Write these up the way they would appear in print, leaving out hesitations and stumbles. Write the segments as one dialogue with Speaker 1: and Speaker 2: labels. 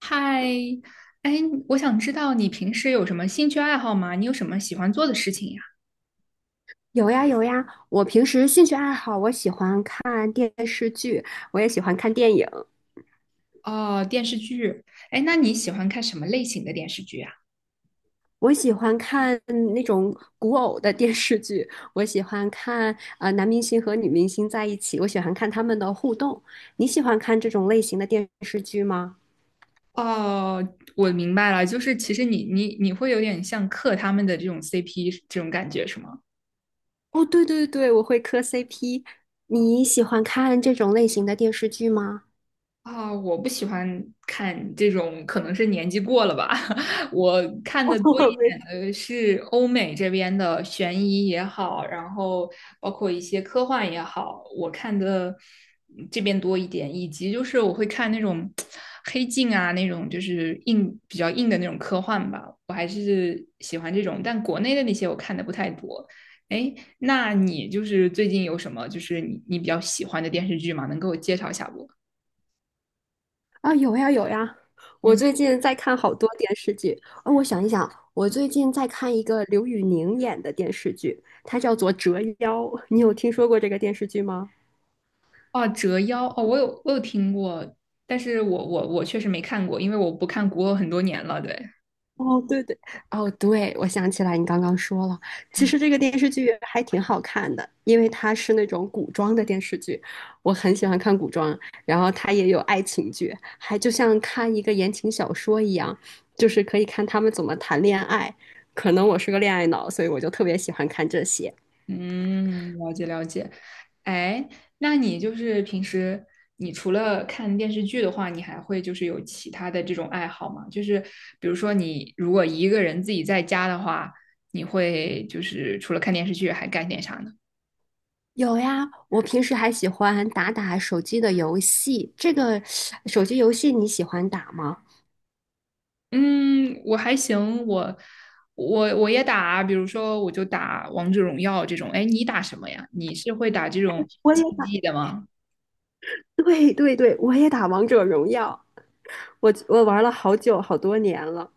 Speaker 1: 嗨，哎，我想知道你平时有什么兴趣爱好吗？你有什么喜欢做的事情呀？
Speaker 2: 有呀有呀，我平时兴趣爱好，我喜欢看电视剧，我也喜欢看电影。
Speaker 1: 哦，电视剧。哎，那你喜欢看什么类型的电视剧啊？
Speaker 2: 我喜欢看那种古偶的电视剧，我喜欢看男明星和女明星在一起，我喜欢看他们的互动。你喜欢看这种类型的电视剧吗？
Speaker 1: 哦，我明白了，就是其实你会有点像克他们的这种 CP 这种感觉是吗？
Speaker 2: 哦，对对对，我会磕 CP。你喜欢看这种类型的电视剧吗？
Speaker 1: 啊，我不喜欢看这种，可能是年纪过了吧。我 看的多一
Speaker 2: 我没。
Speaker 1: 点的是欧美这边的悬疑也好，然后包括一些科幻也好，我看的这边多一点，以及就是我会看那种 黑镜啊，那种就是硬比较硬的那种科幻吧，我还是喜欢这种。但国内的那些我看的不太多。哎，那你就是最近有什么就是你比较喜欢的电视剧吗？能给我介绍一下不？
Speaker 2: 啊，有呀有呀，我
Speaker 1: 嗯。
Speaker 2: 最近在看好多电视剧。哦，我想一想，我最近在看一个刘宇宁演的电视剧，它叫做《折腰》，你有听说过这个电视剧吗？
Speaker 1: 哦，折腰哦，我有听过，但是我确实没看过，因为我不看古偶很多年了。对，
Speaker 2: 哦，对对，哦，对，我想起来你刚刚说了。其
Speaker 1: 嗯，
Speaker 2: 实这个电视剧还挺好看的，因为它是那种古装的电视剧，我很喜欢看古装，然后它也有爱情剧，还就像看一个言情小说一样，就是可以看他们怎么谈恋爱。可能我是个恋爱脑，所以我就特别喜欢看这些。
Speaker 1: 嗯，了解了解。哎，那你就是平时你除了看电视剧的话，你还会就是有其他的这种爱好吗？就是比如说你如果一个人自己在家的话，你会就是除了看电视剧还干点啥呢？
Speaker 2: 有呀，我平时还喜欢打打手机的游戏，这个手机游戏你喜欢打吗？
Speaker 1: 嗯，我还行，我也打，比如说我就打王者荣耀这种。哎，你打什么呀？你是会打这种
Speaker 2: 我也
Speaker 1: 竞
Speaker 2: 打，
Speaker 1: 技的吗？
Speaker 2: 对对对，我也打王者荣耀。我玩了好久好多年了，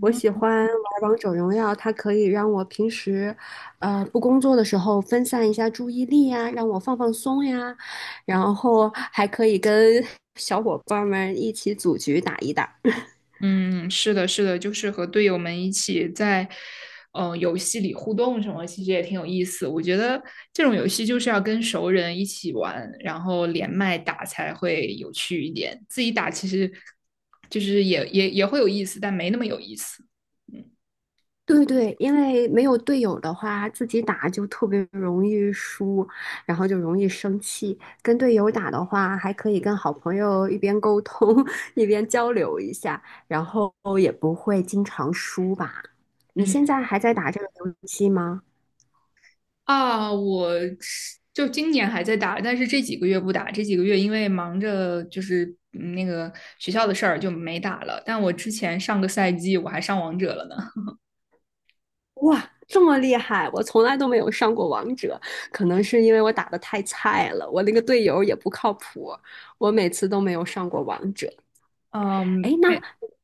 Speaker 2: 我喜欢玩王者荣耀，它可以让我平时不工作的时候分散一下注意力呀，让我放放松呀，然后还可以跟 小伙伴们一起组局打一打。
Speaker 1: 嗯，是的，是的，就是和队友们一起在游戏里互动什么，其实也挺有意思。我觉得这种游戏就是要跟熟人一起玩，然后连麦打才会有趣一点。自己打其实就是也会有意思，但没那么有意思。嗯
Speaker 2: 对对，因为没有队友的话，自己打就特别容易输，然后就容易生气。跟队友打的话，还可以跟好朋友一边沟通 一边交流一下，然后也不会经常输吧。你
Speaker 1: 嗯。
Speaker 2: 现在还在打这个游戏吗？
Speaker 1: 啊，我是就今年还在打，但是这几个月不打，这几个月因为忙着就是那个学校的事儿就没打了。但我之前上个赛季我还上王者了呢。
Speaker 2: 哇，这么厉害！我从来都没有上过王者，可能是因为我打的太菜了，我那个队友也不靠谱，我每次都没有上过王者。
Speaker 1: 嗯，
Speaker 2: 哎，那
Speaker 1: 没，
Speaker 2: 你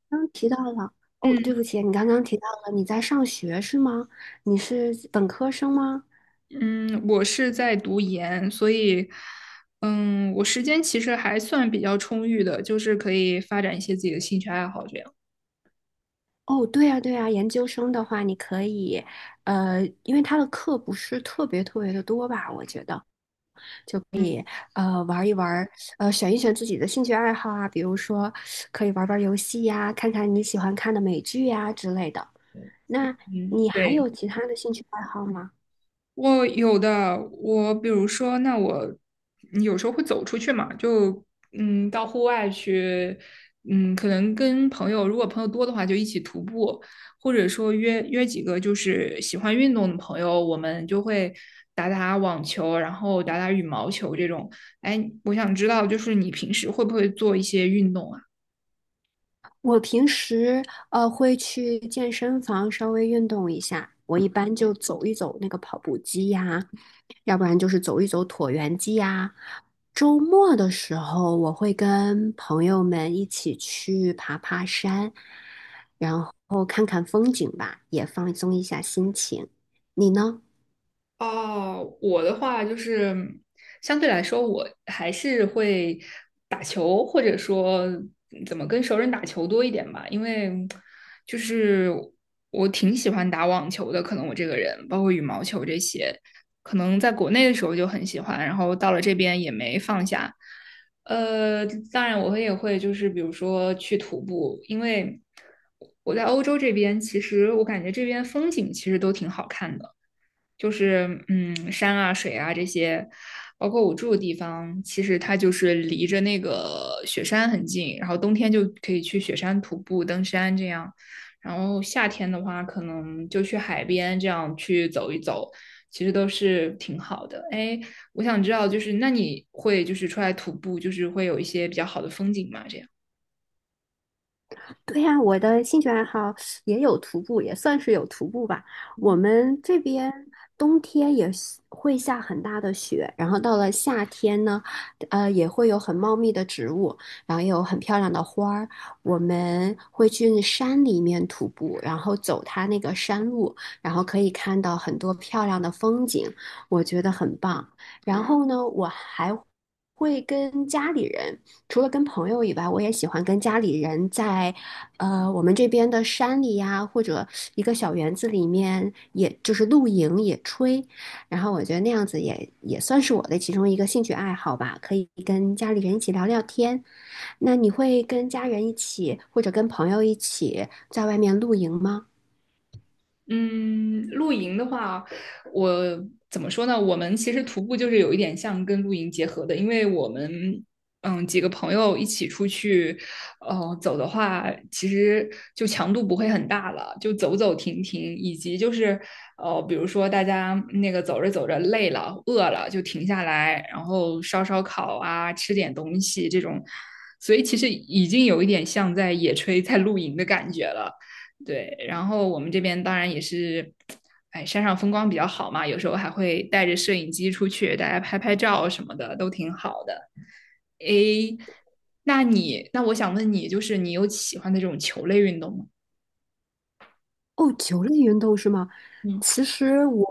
Speaker 2: 刚刚提到了，哦，对不
Speaker 1: 嗯
Speaker 2: 起，你刚刚提到了你在上学是吗？你是本科生吗？
Speaker 1: 嗯，我是在读研，所以我时间其实还算比较充裕的，就是可以发展一些自己的兴趣爱好这样。
Speaker 2: 哦，对呀，对呀，研究生的话，你可以因为他的课不是特别特别的多吧，我觉得
Speaker 1: 嗯
Speaker 2: 玩一玩儿选一选自己的兴趣爱好啊，比如说可以玩玩游戏呀，看看你喜欢看的美剧呀之类的。那
Speaker 1: 嗯，
Speaker 2: 你还
Speaker 1: 对。
Speaker 2: 有其他的兴趣爱好吗？
Speaker 1: 我有的，我比如说，那我有时候会走出去嘛，就到户外去，可能跟朋友，如果朋友多的话，就一起徒步，或者说约约几个就是喜欢运动的朋友，我们就会打打网球，然后打打羽毛球这种。哎，我想知道，就是你平时会不会做一些运动啊？
Speaker 2: 我平时会去健身房稍微运动一下，我一般就走一走那个跑步机呀，要不然就是走一走椭圆机呀。周末的时候，我会跟朋友们一起去爬爬山，然后看看风景吧，也放松一下心情。你呢？
Speaker 1: 哦，我的话就是相对来说，我还是会打球，或者说怎么跟熟人打球多一点吧，因为就是我挺喜欢打网球的，可能我这个人，包括羽毛球这些，可能在国内的时候就很喜欢，然后到了这边也没放下。呃，当然我会也会就是比如说去徒步，因为我在欧洲这边，其实我感觉这边风景其实都挺好看的。就是山啊、水啊这些，包括我住的地方，其实它就是离着那个雪山很近，然后冬天就可以去雪山徒步、登山这样，然后夏天的话，可能就去海边这样去走一走，其实都是挺好的。哎，我想知道，就是那你会就是出来徒步，就是会有一些比较好的风景吗？这样。
Speaker 2: 对呀，我的兴趣爱好也有徒步，也算是有徒步吧。我们这边冬天也是会下很大的雪，然后到了夏天呢也会有很茂密的植物，然后也有很漂亮的花儿。我们会去山里面徒步，然后走它那个山路，然后可以看到很多漂亮的风景，我觉得很棒。然后呢，我还会跟家里人，除了跟朋友以外，我也喜欢跟家里人在我们这边的山里呀，或者一个小园子里面，也就是露营、野炊。然后我觉得那样子也算是我的其中一个兴趣爱好吧，可以跟家里人一起聊聊天。那你会跟家人一起，或者跟朋友一起在外面露营吗？
Speaker 1: 嗯，露营的话，我怎么说呢？我们其实徒步就是有一点像跟露营结合的，因为我们几个朋友一起出去，走的话，其实就强度不会很大了，就走走停停，以及就是比如说大家那个走着走着累了、饿了，就停下来，然后烧烧烤啊，吃点东西这种，所以其实已经有一点像在野炊、在露营的感觉了。对，然后我们这边当然也是，哎，山上风光比较好嘛，有时候还会带着摄影机出去，大家拍拍照什么的，都挺好的。诶，那你，那我想问你，就是你有喜欢的这种球类运动吗？
Speaker 2: 哦，球类运动是吗？
Speaker 1: 嗯
Speaker 2: 其实我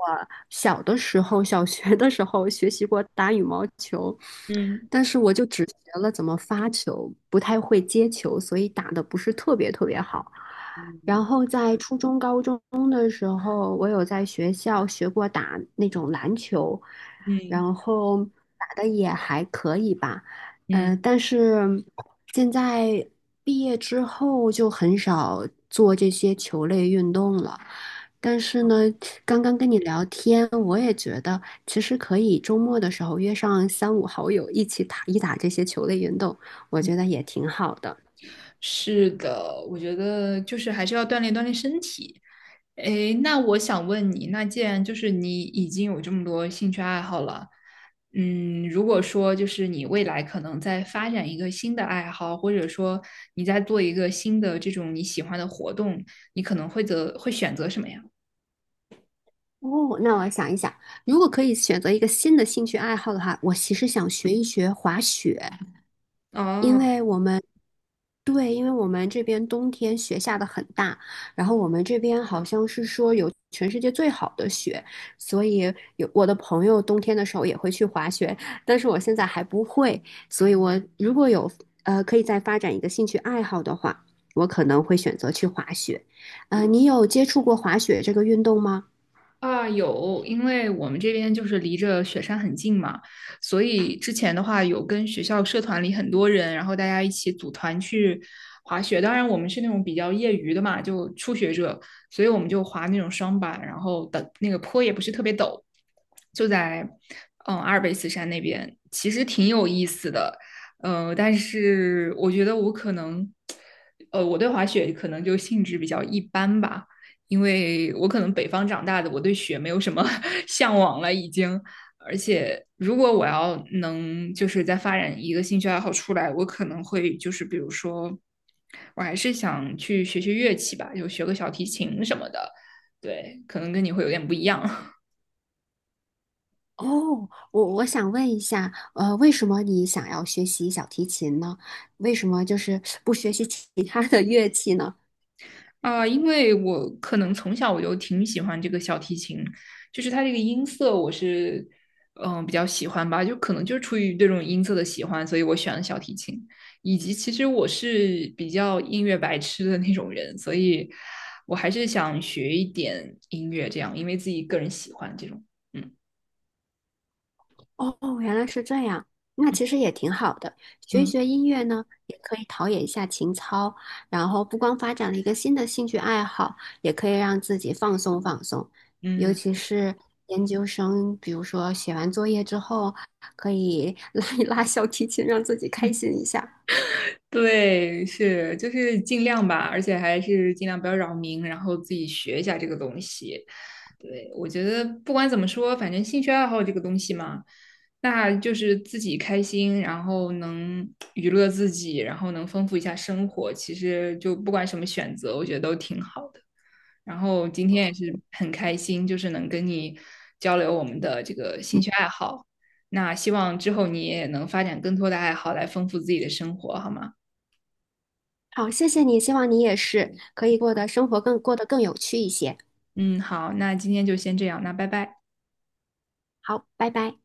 Speaker 2: 小的时候，小学的时候学习过打羽毛球，
Speaker 1: 嗯
Speaker 2: 但是我就只学了怎么发球，不太会接球，所以打的不是特别特别好。然
Speaker 1: 嗯
Speaker 2: 后在初中、高中的时候，我有在学校学过打那种篮球，
Speaker 1: 嗯
Speaker 2: 然后打的也还可以吧。但是现在毕业之后就很少做这些球类运动了。但是呢，刚刚跟你聊天，我也觉得其实可以周末的时候约上三五好友一起打一打这些球类运动，我觉
Speaker 1: 嗯
Speaker 2: 得也挺好的。
Speaker 1: 是的，我觉得就是还是要锻炼锻炼身体。诶，那我想问你，那既然就是你已经有这么多兴趣爱好了，嗯，如果说就是你未来可能在发展一个新的爱好，或者说你在做一个新的这种你喜欢的活动，你可能会择会选择什么呀？
Speaker 2: 哦，那我想一想，如果可以选择一个新的兴趣爱好的话，我其实想学一学滑雪。因
Speaker 1: 哦，
Speaker 2: 为我们对，因为我们这边冬天雪下的很大，然后我们这边好像是说有全世界最好的雪，所以有我的朋友冬天的时候也会去滑雪，但是我现在还不会，所以我如果有可以再发展一个兴趣爱好的话，我可能会选择去滑雪。你有接触过滑雪这个运动吗？
Speaker 1: 啊，有，因为我们这边就是离着雪山很近嘛，所以之前的话有跟学校社团里很多人，然后大家一起组团去滑雪。当然，我们是那种比较业余的嘛，就初学者，所以我们就滑那种双板，然后的那个坡也不是特别陡，就在阿尔卑斯山那边，其实挺有意思的。但是我觉得我可能，我对滑雪可能就兴致比较一般吧。因为我可能北方长大的，我对雪没有什么 向往了，已经。而且，如果我要能就是再发展一个兴趣爱好出来，我可能会就是比如说，我还是想去学学乐器吧，就学个小提琴什么的。对，可能跟你会有点不一样。
Speaker 2: 哦，我想问一下为什么你想要学习小提琴呢？为什么就是不学习其 他的乐器呢？
Speaker 1: 啊，因为我可能从小我就挺喜欢这个小提琴，就是它这个音色我是比较喜欢吧，就可能就是出于对这种音色的喜欢，所以我选了小提琴。以及其实我是比较音乐白痴的那种人，所以我还是想学一点音乐，这样因为自己个人喜欢这种。嗯
Speaker 2: 哦，原来是这样，那其实也挺好的，学
Speaker 1: 嗯
Speaker 2: 一
Speaker 1: 嗯。
Speaker 2: 学音乐呢，也可以陶冶一下情操，然后不光发展了一个新的兴趣爱好，也可以让自己放松放松。尤
Speaker 1: 嗯。
Speaker 2: 其是研究生，比如说写完作业之后，可以 拉一拉小提琴，让自己开心一下。
Speaker 1: 对，是，就是尽量吧，而且还是尽量不要扰民，然后自己学一下这个东西。对，我觉得不管怎么说，反正兴趣爱好这个东西嘛，那就是自己开心，然后能 娱乐自己，然后能丰富一下生活。其实就不管什么选择，我觉得都挺好的。然后今天也是很开心，就是能跟你交流我们的这个兴趣爱好。那希望之后你也能发展更多的爱好来丰富自己的生活，好吗？
Speaker 2: 好，谢谢你，希望你也是可以过得生活更过得更有趣一些。
Speaker 1: 嗯，好，那今天就先这样，那拜拜。
Speaker 2: 好，拜拜。